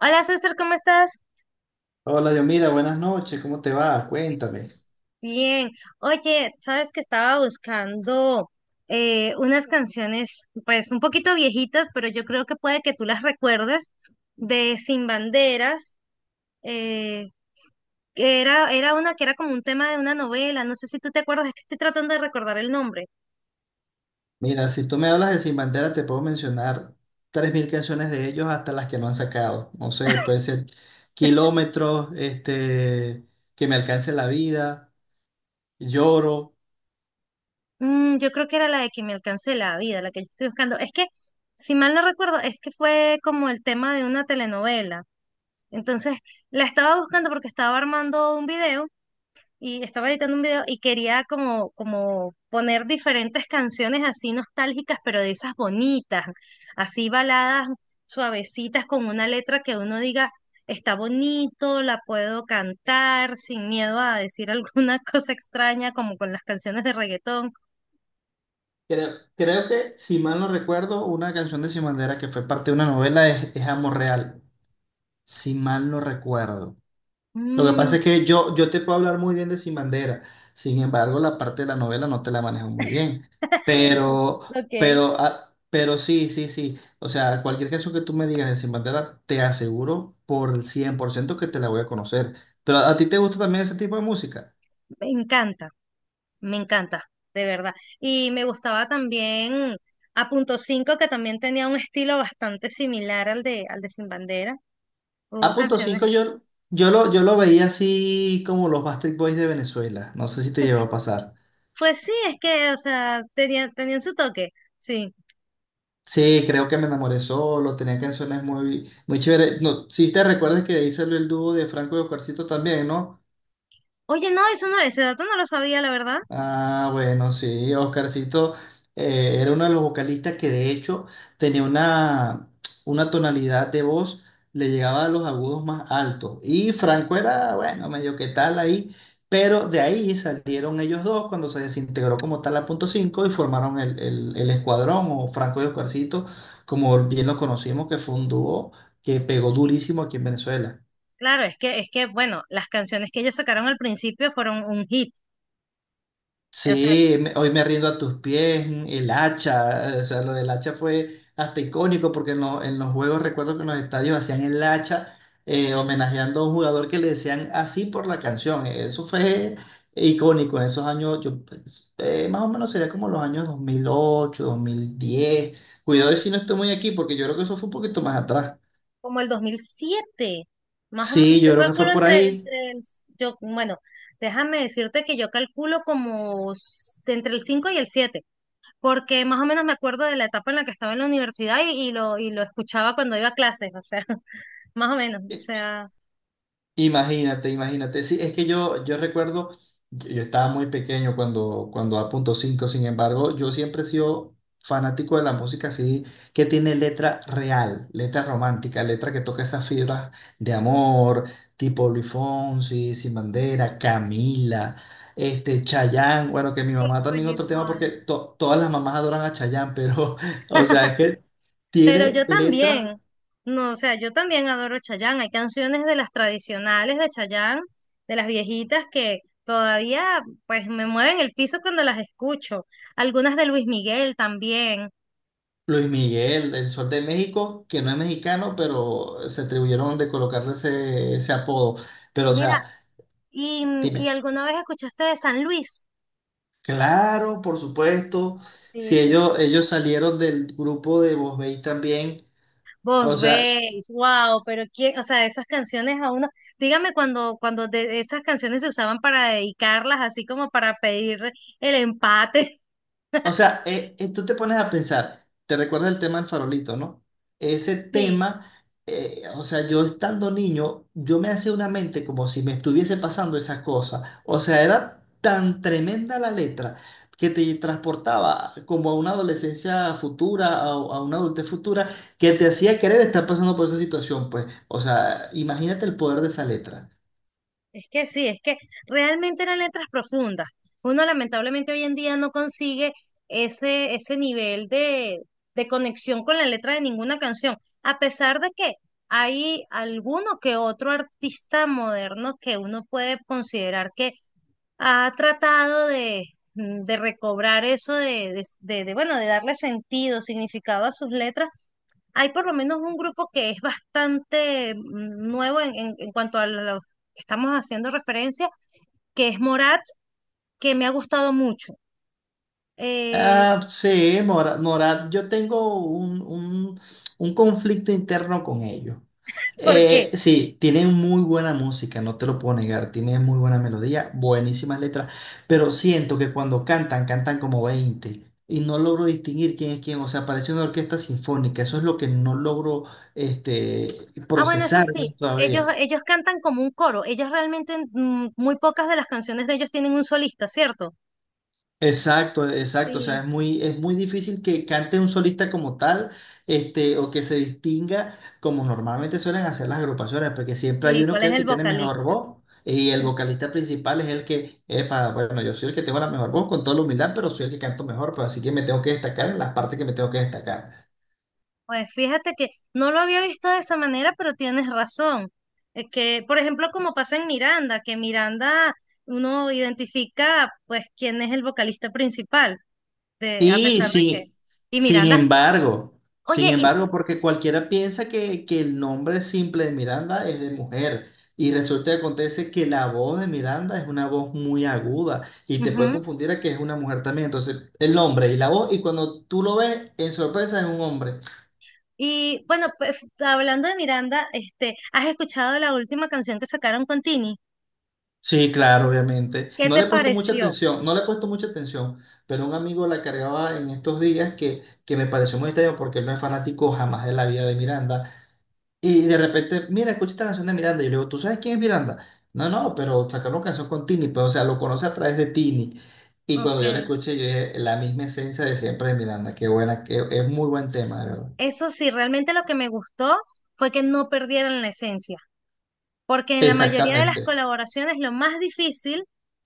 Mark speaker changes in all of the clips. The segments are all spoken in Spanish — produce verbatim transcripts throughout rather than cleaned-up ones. Speaker 1: Hola César, ¿cómo estás?
Speaker 2: Hola, Dios, mira, buenas noches, ¿cómo te va? Cuéntame.
Speaker 1: Bien. Oye, sabes que estaba buscando eh, unas canciones, pues un poquito viejitas, pero yo creo que puede que tú las recuerdes, de Sin Banderas, eh, que era, era una que era como un tema de una novela, no sé si tú te acuerdas, es que estoy tratando de recordar el nombre.
Speaker 2: Mira, si tú me hablas de Sin Bandera, te puedo mencionar tres mil canciones de ellos hasta las que no han sacado. No sé, puede ser Kilómetros, este, Que me alcance la vida, Lloro.
Speaker 1: Mm, yo creo que era la de que me alcance la vida, la que yo estoy buscando. Es que, si mal no recuerdo, es que fue como el tema de una telenovela. Entonces, la estaba buscando porque estaba armando un video y estaba editando un video y quería como, como poner diferentes canciones así nostálgicas, pero de esas bonitas, así baladas suavecitas con una letra que uno diga, está bonito, la puedo cantar sin miedo a decir alguna cosa extraña como con las canciones de reggaetón.
Speaker 2: Creo, creo que, si mal no recuerdo, una canción de Sin Bandera que fue parte de una novela es, es Amor Real, si mal no recuerdo. Lo que pasa
Speaker 1: Mm.
Speaker 2: es que yo, yo te puedo hablar muy bien de Sin Bandera, sin embargo, la parte de la novela no te la manejo muy bien. Pero,
Speaker 1: Ok.
Speaker 2: pero, ah, pero sí, sí, sí. O sea, cualquier canción que tú me digas de Sin Bandera, te aseguro por el cien por ciento que te la voy a conocer. Pero a, a ti te gusta también ese tipo de música.
Speaker 1: Me encanta, me encanta, de verdad. Y me gustaba también a punto cinco, que también tenía un estilo bastante similar al de, al de Sin Bandera.
Speaker 2: A
Speaker 1: Hubo
Speaker 2: punto
Speaker 1: canciones.
Speaker 2: cinco yo, yo lo, yo lo veía así como los Backstreet Boys de Venezuela. No sé si te llegó a pasar.
Speaker 1: Pues sí, es que, o sea, tenía- tenían su toque. Sí.
Speaker 2: Sí, creo que me enamoré solo, tenía canciones muy, muy chéveres. No, sí te recuerdas que ahí el dúo de Franco y Oscarcito también, ¿no?
Speaker 1: Oye, no, eso no, ese dato no lo sabía, la verdad.
Speaker 2: Ah, bueno, sí, Oscarcito eh, era uno de los vocalistas que de hecho tenía una, una tonalidad de voz, le llegaba a los agudos más altos. Y Franco era, bueno, medio que tal ahí, pero de ahí salieron ellos dos cuando se desintegró como tal la punto cinco y formaron el, el, el escuadrón o Franco y Oscarcito, como bien lo conocimos, que fue un dúo que pegó durísimo aquí en Venezuela.
Speaker 1: Claro, es que, es que, bueno, las canciones que ellos sacaron al principio fueron un hit. O sea,
Speaker 2: Sí, me- hoy me rindo a tus pies, el hacha, eh, o sea, lo del hacha fue hasta icónico porque en, lo- en los juegos recuerdo que en los estadios hacían el hacha eh, homenajeando a un jugador que le decían así por la canción, eso fue icónico en esos años, yo, pues, eh, más o menos sería como los años dos mil ocho, dos mil diez,
Speaker 1: mm,
Speaker 2: cuidado si no estoy muy aquí porque yo creo que eso fue un poquito más atrás,
Speaker 1: como el dos mil siete. Más o menos,
Speaker 2: sí, yo
Speaker 1: yo
Speaker 2: creo que fue
Speaker 1: calculo
Speaker 2: por
Speaker 1: entre,
Speaker 2: ahí.
Speaker 1: entre el, yo, bueno, déjame decirte que yo calculo como s- de entre el cinco y el siete, porque más o menos me acuerdo de la etapa en la que estaba en la universidad y, y lo, y lo escuchaba cuando iba a clases, o sea, más o menos, o sea,
Speaker 2: Imagínate, imagínate. Sí, es que yo, yo recuerdo, yo yo estaba muy pequeño cuando, cuando a punto cinco. Sin embargo, yo siempre he sido fanático de la música así, que tiene letra real, letra romántica, letra que toca esas fibras de amor, tipo Luis Fonsi, Sin Bandera, Camila, este, Chayanne, bueno, que mi
Speaker 1: yo
Speaker 2: mamá también
Speaker 1: soy
Speaker 2: otro tema, porque
Speaker 1: igual.
Speaker 2: to- todas las mamás adoran a Chayanne, pero, o sea, es que
Speaker 1: Pero
Speaker 2: tiene
Speaker 1: yo
Speaker 2: letras.
Speaker 1: también, no, o sea, yo también adoro Chayanne. Hay canciones de las tradicionales de Chayanne, de las viejitas que todavía pues me mueven el piso cuando las escucho. Algunas de Luis Miguel también.
Speaker 2: Luis Miguel, el Sol de México, que no es mexicano, pero se atribuyeron de colocarle ese, ese apodo. Pero, o
Speaker 1: Mira,
Speaker 2: sea,
Speaker 1: ¿y, mm, y
Speaker 2: dime,
Speaker 1: alguna vez escuchaste de San Luis?
Speaker 2: claro, por supuesto,
Speaker 1: Sí,
Speaker 2: si
Speaker 1: sí.
Speaker 2: ellos, ellos salieron del grupo de Voz Veis también, o
Speaker 1: Vos
Speaker 2: sea.
Speaker 1: veis, wow, pero quién, o sea, esas canciones a uno, dígame cuando, cuando de esas canciones se usaban para dedicarlas, así como para pedir el empate.
Speaker 2: O sea, eh, eh, tú te pones a pensar, te recuerda el tema del farolito, ¿no? Ese
Speaker 1: Sí.
Speaker 2: tema, eh, o sea, yo estando niño, yo me hacía una mente como si me estuviese pasando esas cosas. O sea, era tan tremenda la letra que te transportaba como a una adolescencia futura, a, a una adultez futura, que te hacía querer estar pasando por esa situación, pues. O sea, imagínate el poder de esa letra.
Speaker 1: Es que sí, es que realmente eran letras profundas. Uno lamentablemente hoy en día no consigue ese, ese nivel de, de conexión con la letra de ninguna canción, a pesar de que hay alguno que otro artista moderno que uno puede considerar que ha tratado de, de recobrar eso de, de, de, de, bueno, de darle sentido, significado a sus letras. Hay por lo menos un grupo que es bastante mm, nuevo en, en- en cuanto a lo que estamos haciendo referencia, que es Morat, que me ha gustado mucho. Eh,
Speaker 2: Ah, sí, Mora- Morat, yo tengo un, un- un conflicto interno con ellos.
Speaker 1: ¿Por qué?
Speaker 2: Eh, sí, tienen muy buena música, no te lo puedo negar, tienen muy buena melodía, buenísimas letras, pero siento que cuando cantan, cantan como veinte y no logro distinguir quién es quién, o sea, parece una orquesta sinfónica, eso es lo que no logro este,
Speaker 1: Ah, bueno, eso
Speaker 2: procesar
Speaker 1: sí,
Speaker 2: bien
Speaker 1: ellos,
Speaker 2: todavía.
Speaker 1: ellos cantan como un coro. Ellos realmente, mm, muy pocas de las canciones de ellos tienen un solista, ¿cierto?
Speaker 2: Exacto, exacto. O sea,
Speaker 1: Sí,
Speaker 2: es muy, es muy difícil que cante un solista como tal, este, o que se distinga como normalmente suelen hacer las agrupaciones, porque siempre hay
Speaker 1: sí,
Speaker 2: uno
Speaker 1: ¿cuál
Speaker 2: que es
Speaker 1: es
Speaker 2: el
Speaker 1: el
Speaker 2: que tiene mejor
Speaker 1: vocalista?
Speaker 2: voz. Y el vocalista principal es el que, epa, bueno, yo soy el que tengo la mejor voz con toda la humildad, pero soy el que canto mejor, pues así que me tengo que destacar en las partes que me tengo que destacar.
Speaker 1: Pues fíjate que no lo había visto de esa manera, pero tienes razón. Es que, por ejemplo, como pasa en Miranda, que Miranda uno identifica pues quién es el vocalista principal, de, a
Speaker 2: Sí,
Speaker 1: pesar de que...
Speaker 2: sí.
Speaker 1: Y
Speaker 2: Sin
Speaker 1: Miranda,
Speaker 2: embargo,
Speaker 1: oye,
Speaker 2: sin
Speaker 1: y,
Speaker 2: embargo, porque cualquiera piensa que, que el nombre simple de Miranda es de mujer y resulta que acontece que la voz de Miranda es una voz muy aguda y te puede
Speaker 1: ujú,
Speaker 2: confundir a que es una mujer también. Entonces, el nombre y la voz y cuando tú lo ves, en sorpresa es un hombre.
Speaker 1: y, bueno, pues, hablando de Miranda, este, ¿has escuchado la última canción que sacaron con Tini?
Speaker 2: Sí, claro, obviamente.
Speaker 1: ¿Qué
Speaker 2: No
Speaker 1: te
Speaker 2: le he puesto mucha
Speaker 1: pareció?
Speaker 2: atención, no le he puesto mucha atención, pero un amigo la cargaba en estos días que, que me pareció muy extraño porque él no es fanático jamás de la vida de Miranda. Y de repente, mira, escucha esta canción de Miranda. Y yo le digo, ¿tú sabes quién es Miranda? No, no, pero sacaron canción con Tini, pues, o sea, lo conoce a través de Tini. Y cuando yo la
Speaker 1: Okay.
Speaker 2: escuché, yo dije, la misma esencia de siempre de Miranda. Qué buena, que es muy buen tema, de verdad.
Speaker 1: Eso sí, realmente lo que me gustó fue que no perdieran la esencia. Porque en la mayoría de las
Speaker 2: Exactamente.
Speaker 1: colaboraciones lo más difícil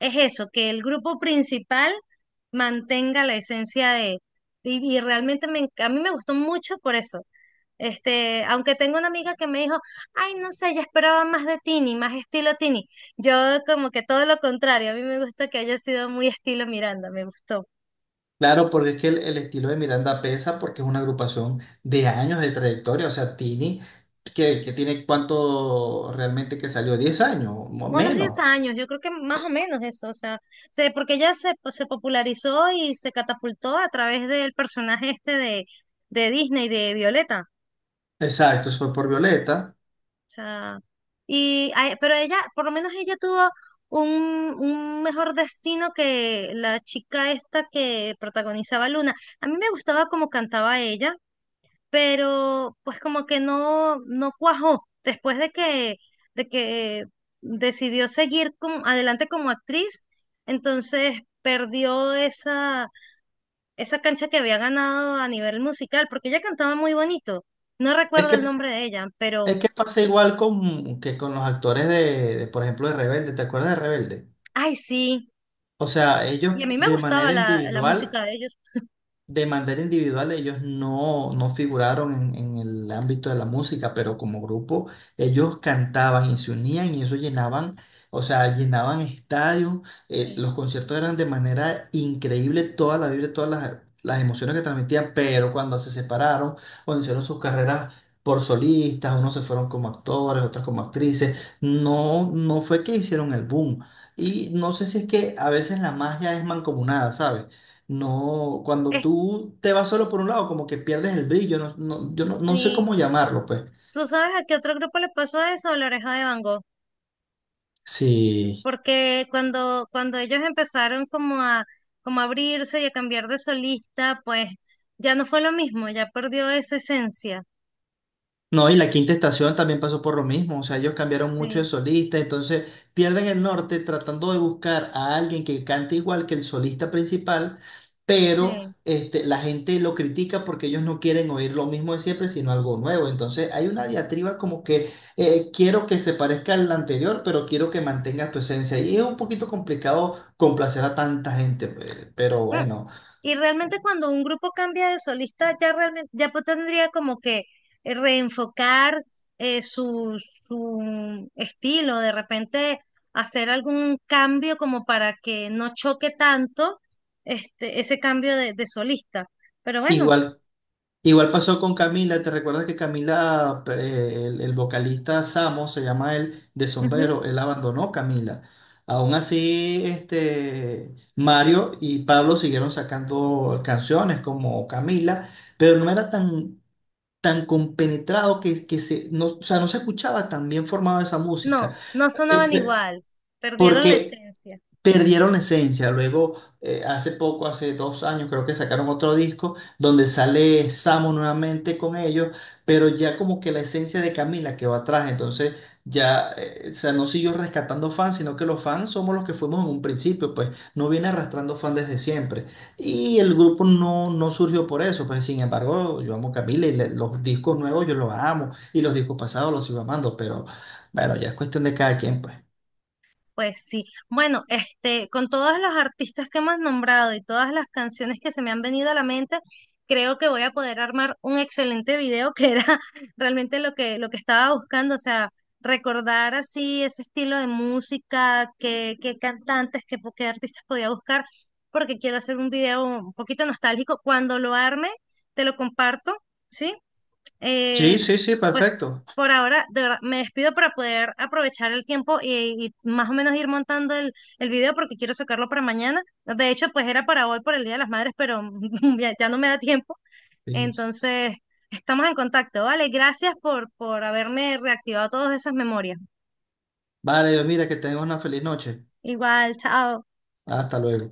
Speaker 1: es eso, que el grupo principal mantenga la esencia de... Y, y realmente me enc- a mí me gustó mucho por eso. Este, aunque tengo una amiga que me dijo, ay, no sé, yo esperaba más de Tini, más estilo Tini. Yo como que todo lo contrario, a mí me gusta que haya sido muy estilo Miranda, me gustó.
Speaker 2: Claro, porque es que el, el estilo de Miranda pesa porque es una agrupación de años de trayectoria. O sea, Tini, que, que tiene cuánto realmente que salió, diez años, mo-
Speaker 1: Unos diez
Speaker 2: menos.
Speaker 1: años, yo creo que más o menos eso, o sea, se- porque ella se, pues, se popularizó y se catapultó a través del personaje este de, de Disney, de Violeta,
Speaker 2: Exacto, eso fue por Violeta.
Speaker 1: o sea, y, a- pero ella, por lo menos ella tuvo un, un mejor destino que la chica esta que protagonizaba Luna. A mí me gustaba cómo cantaba ella, pero pues como que no, no cuajó. Después de que, de que decidió seguir como- adelante como actriz, entonces perdió esa, esa cancha que había ganado a nivel musical, porque ella cantaba muy bonito. No
Speaker 2: Es
Speaker 1: recuerdo el
Speaker 2: que
Speaker 1: nombre de ella, pero,
Speaker 2: Es que pasa igual con, que con los actores de, de, por ejemplo, de Rebelde. ¿Te acuerdas de Rebelde?
Speaker 1: ay, sí.
Speaker 2: O sea, ellos
Speaker 1: Y a mí me
Speaker 2: de
Speaker 1: gustaba
Speaker 2: manera
Speaker 1: la, la música
Speaker 2: individual.
Speaker 1: de ellos.
Speaker 2: De manera individual, ellos no, no figuraron en, en el ámbito de la música, pero como grupo, ellos cantaban y se unían y eso llenaban, o sea, llenaban estadios. Eh,
Speaker 1: Sí.
Speaker 2: los conciertos eran de manera increíble, toda la vibra, todas las, las emociones que transmitían, pero cuando se separaron o hicieron sus carreras por solistas, unos se fueron como actores, otros como actrices, no, no fue que hicieron el boom. Y no sé si es que a veces la magia es mancomunada, ¿sabes? No, cuando
Speaker 1: Es-
Speaker 2: tú te vas solo por un lado, como que pierdes el brillo, no, no- yo no, no sé
Speaker 1: sí.
Speaker 2: cómo llamarlo, pues.
Speaker 1: ¿Tú sabes a qué otro grupo le pasó eso? A La Oreja de Van Gogh.
Speaker 2: Sí.
Speaker 1: Porque cuando, cuando ellos empezaron como a, como a abrirse y a cambiar de solista, pues ya no fue lo mismo, ya perdió esa esencia.
Speaker 2: No, y la Quinta Estación también pasó por lo mismo, o sea, ellos cambiaron mucho de
Speaker 1: Sí,
Speaker 2: solista, entonces pierden el norte tratando de buscar a alguien que cante igual que el solista principal, pero
Speaker 1: sí.
Speaker 2: este, la gente lo critica porque ellos no quieren oír lo mismo de siempre, sino algo nuevo. Entonces hay una diatriba como que eh, quiero que se parezca al anterior, pero quiero que mantengas tu esencia. Y es un poquito complicado complacer a tanta gente, pues, pero
Speaker 1: Mm.
Speaker 2: bueno.
Speaker 1: Y realmente cuando un grupo cambia de solista, ya realmente, ya pues tendría como que eh, reenfocar eh, su, su estilo, de repente hacer algún cambio como para que no choque tanto este, ese cambio de, de solista. Pero bueno.
Speaker 2: Igual Igual pasó con Camila, ¿te recuerdas que Camila, eh, el, el vocalista Samo, se llama él, de Sombrero, él abandonó Camila. Aún así, este, Mario y Pablo siguieron sacando canciones como Camila, pero no era tan, tan compenetrado que, que se, no, o sea, no se escuchaba tan bien formada esa
Speaker 1: No,
Speaker 2: música.
Speaker 1: no
Speaker 2: Eh,
Speaker 1: sonaban
Speaker 2: pe-
Speaker 1: igual, perdieron la
Speaker 2: Porque
Speaker 1: esencia.
Speaker 2: perdieron la esencia. Luego, eh, hace poco, hace dos años, creo que sacaron otro disco donde sale Samo nuevamente con ellos, pero ya como que la esencia de Camila quedó atrás. Entonces, ya, eh, o sea, no siguió rescatando fans, sino que los fans somos los que fuimos en un principio, pues no viene arrastrando fans desde siempre. Y el grupo no, no surgió por eso, pues sin embargo, yo amo Camila y le- los discos nuevos yo los amo y los discos pasados los sigo amando, pero bueno, ya es cuestión de cada quien, pues.
Speaker 1: Pues sí. Bueno, este, con todos los artistas que hemos nombrado y todas las canciones que se me han venido a la mente, creo que voy a poder armar un excelente video que era realmente lo que, lo que estaba buscando, o sea, recordar así ese estilo de música, qué, qué cantantes, qué, po- qué artistas podía buscar, porque quiero hacer un video un poquito nostálgico. Cuando lo arme, te lo comparto, ¿sí? Eh,
Speaker 2: Sí, sí, sí,
Speaker 1: pues
Speaker 2: perfecto.
Speaker 1: por ahora, de verdad, me despido para poder aprovechar el tiempo y, y más o menos ir montando el, el video porque quiero sacarlo para mañana. De hecho, pues era para hoy por el Día de las Madres, pero ya, ya no me da tiempo.
Speaker 2: Sí.
Speaker 1: Entonces, estamos en contacto, ¿vale? Gracias por, por haberme reactivado todas esas memorias.
Speaker 2: Vale, Dios, mira, que tengas una feliz noche.
Speaker 1: Igual, chao.
Speaker 2: Hasta luego.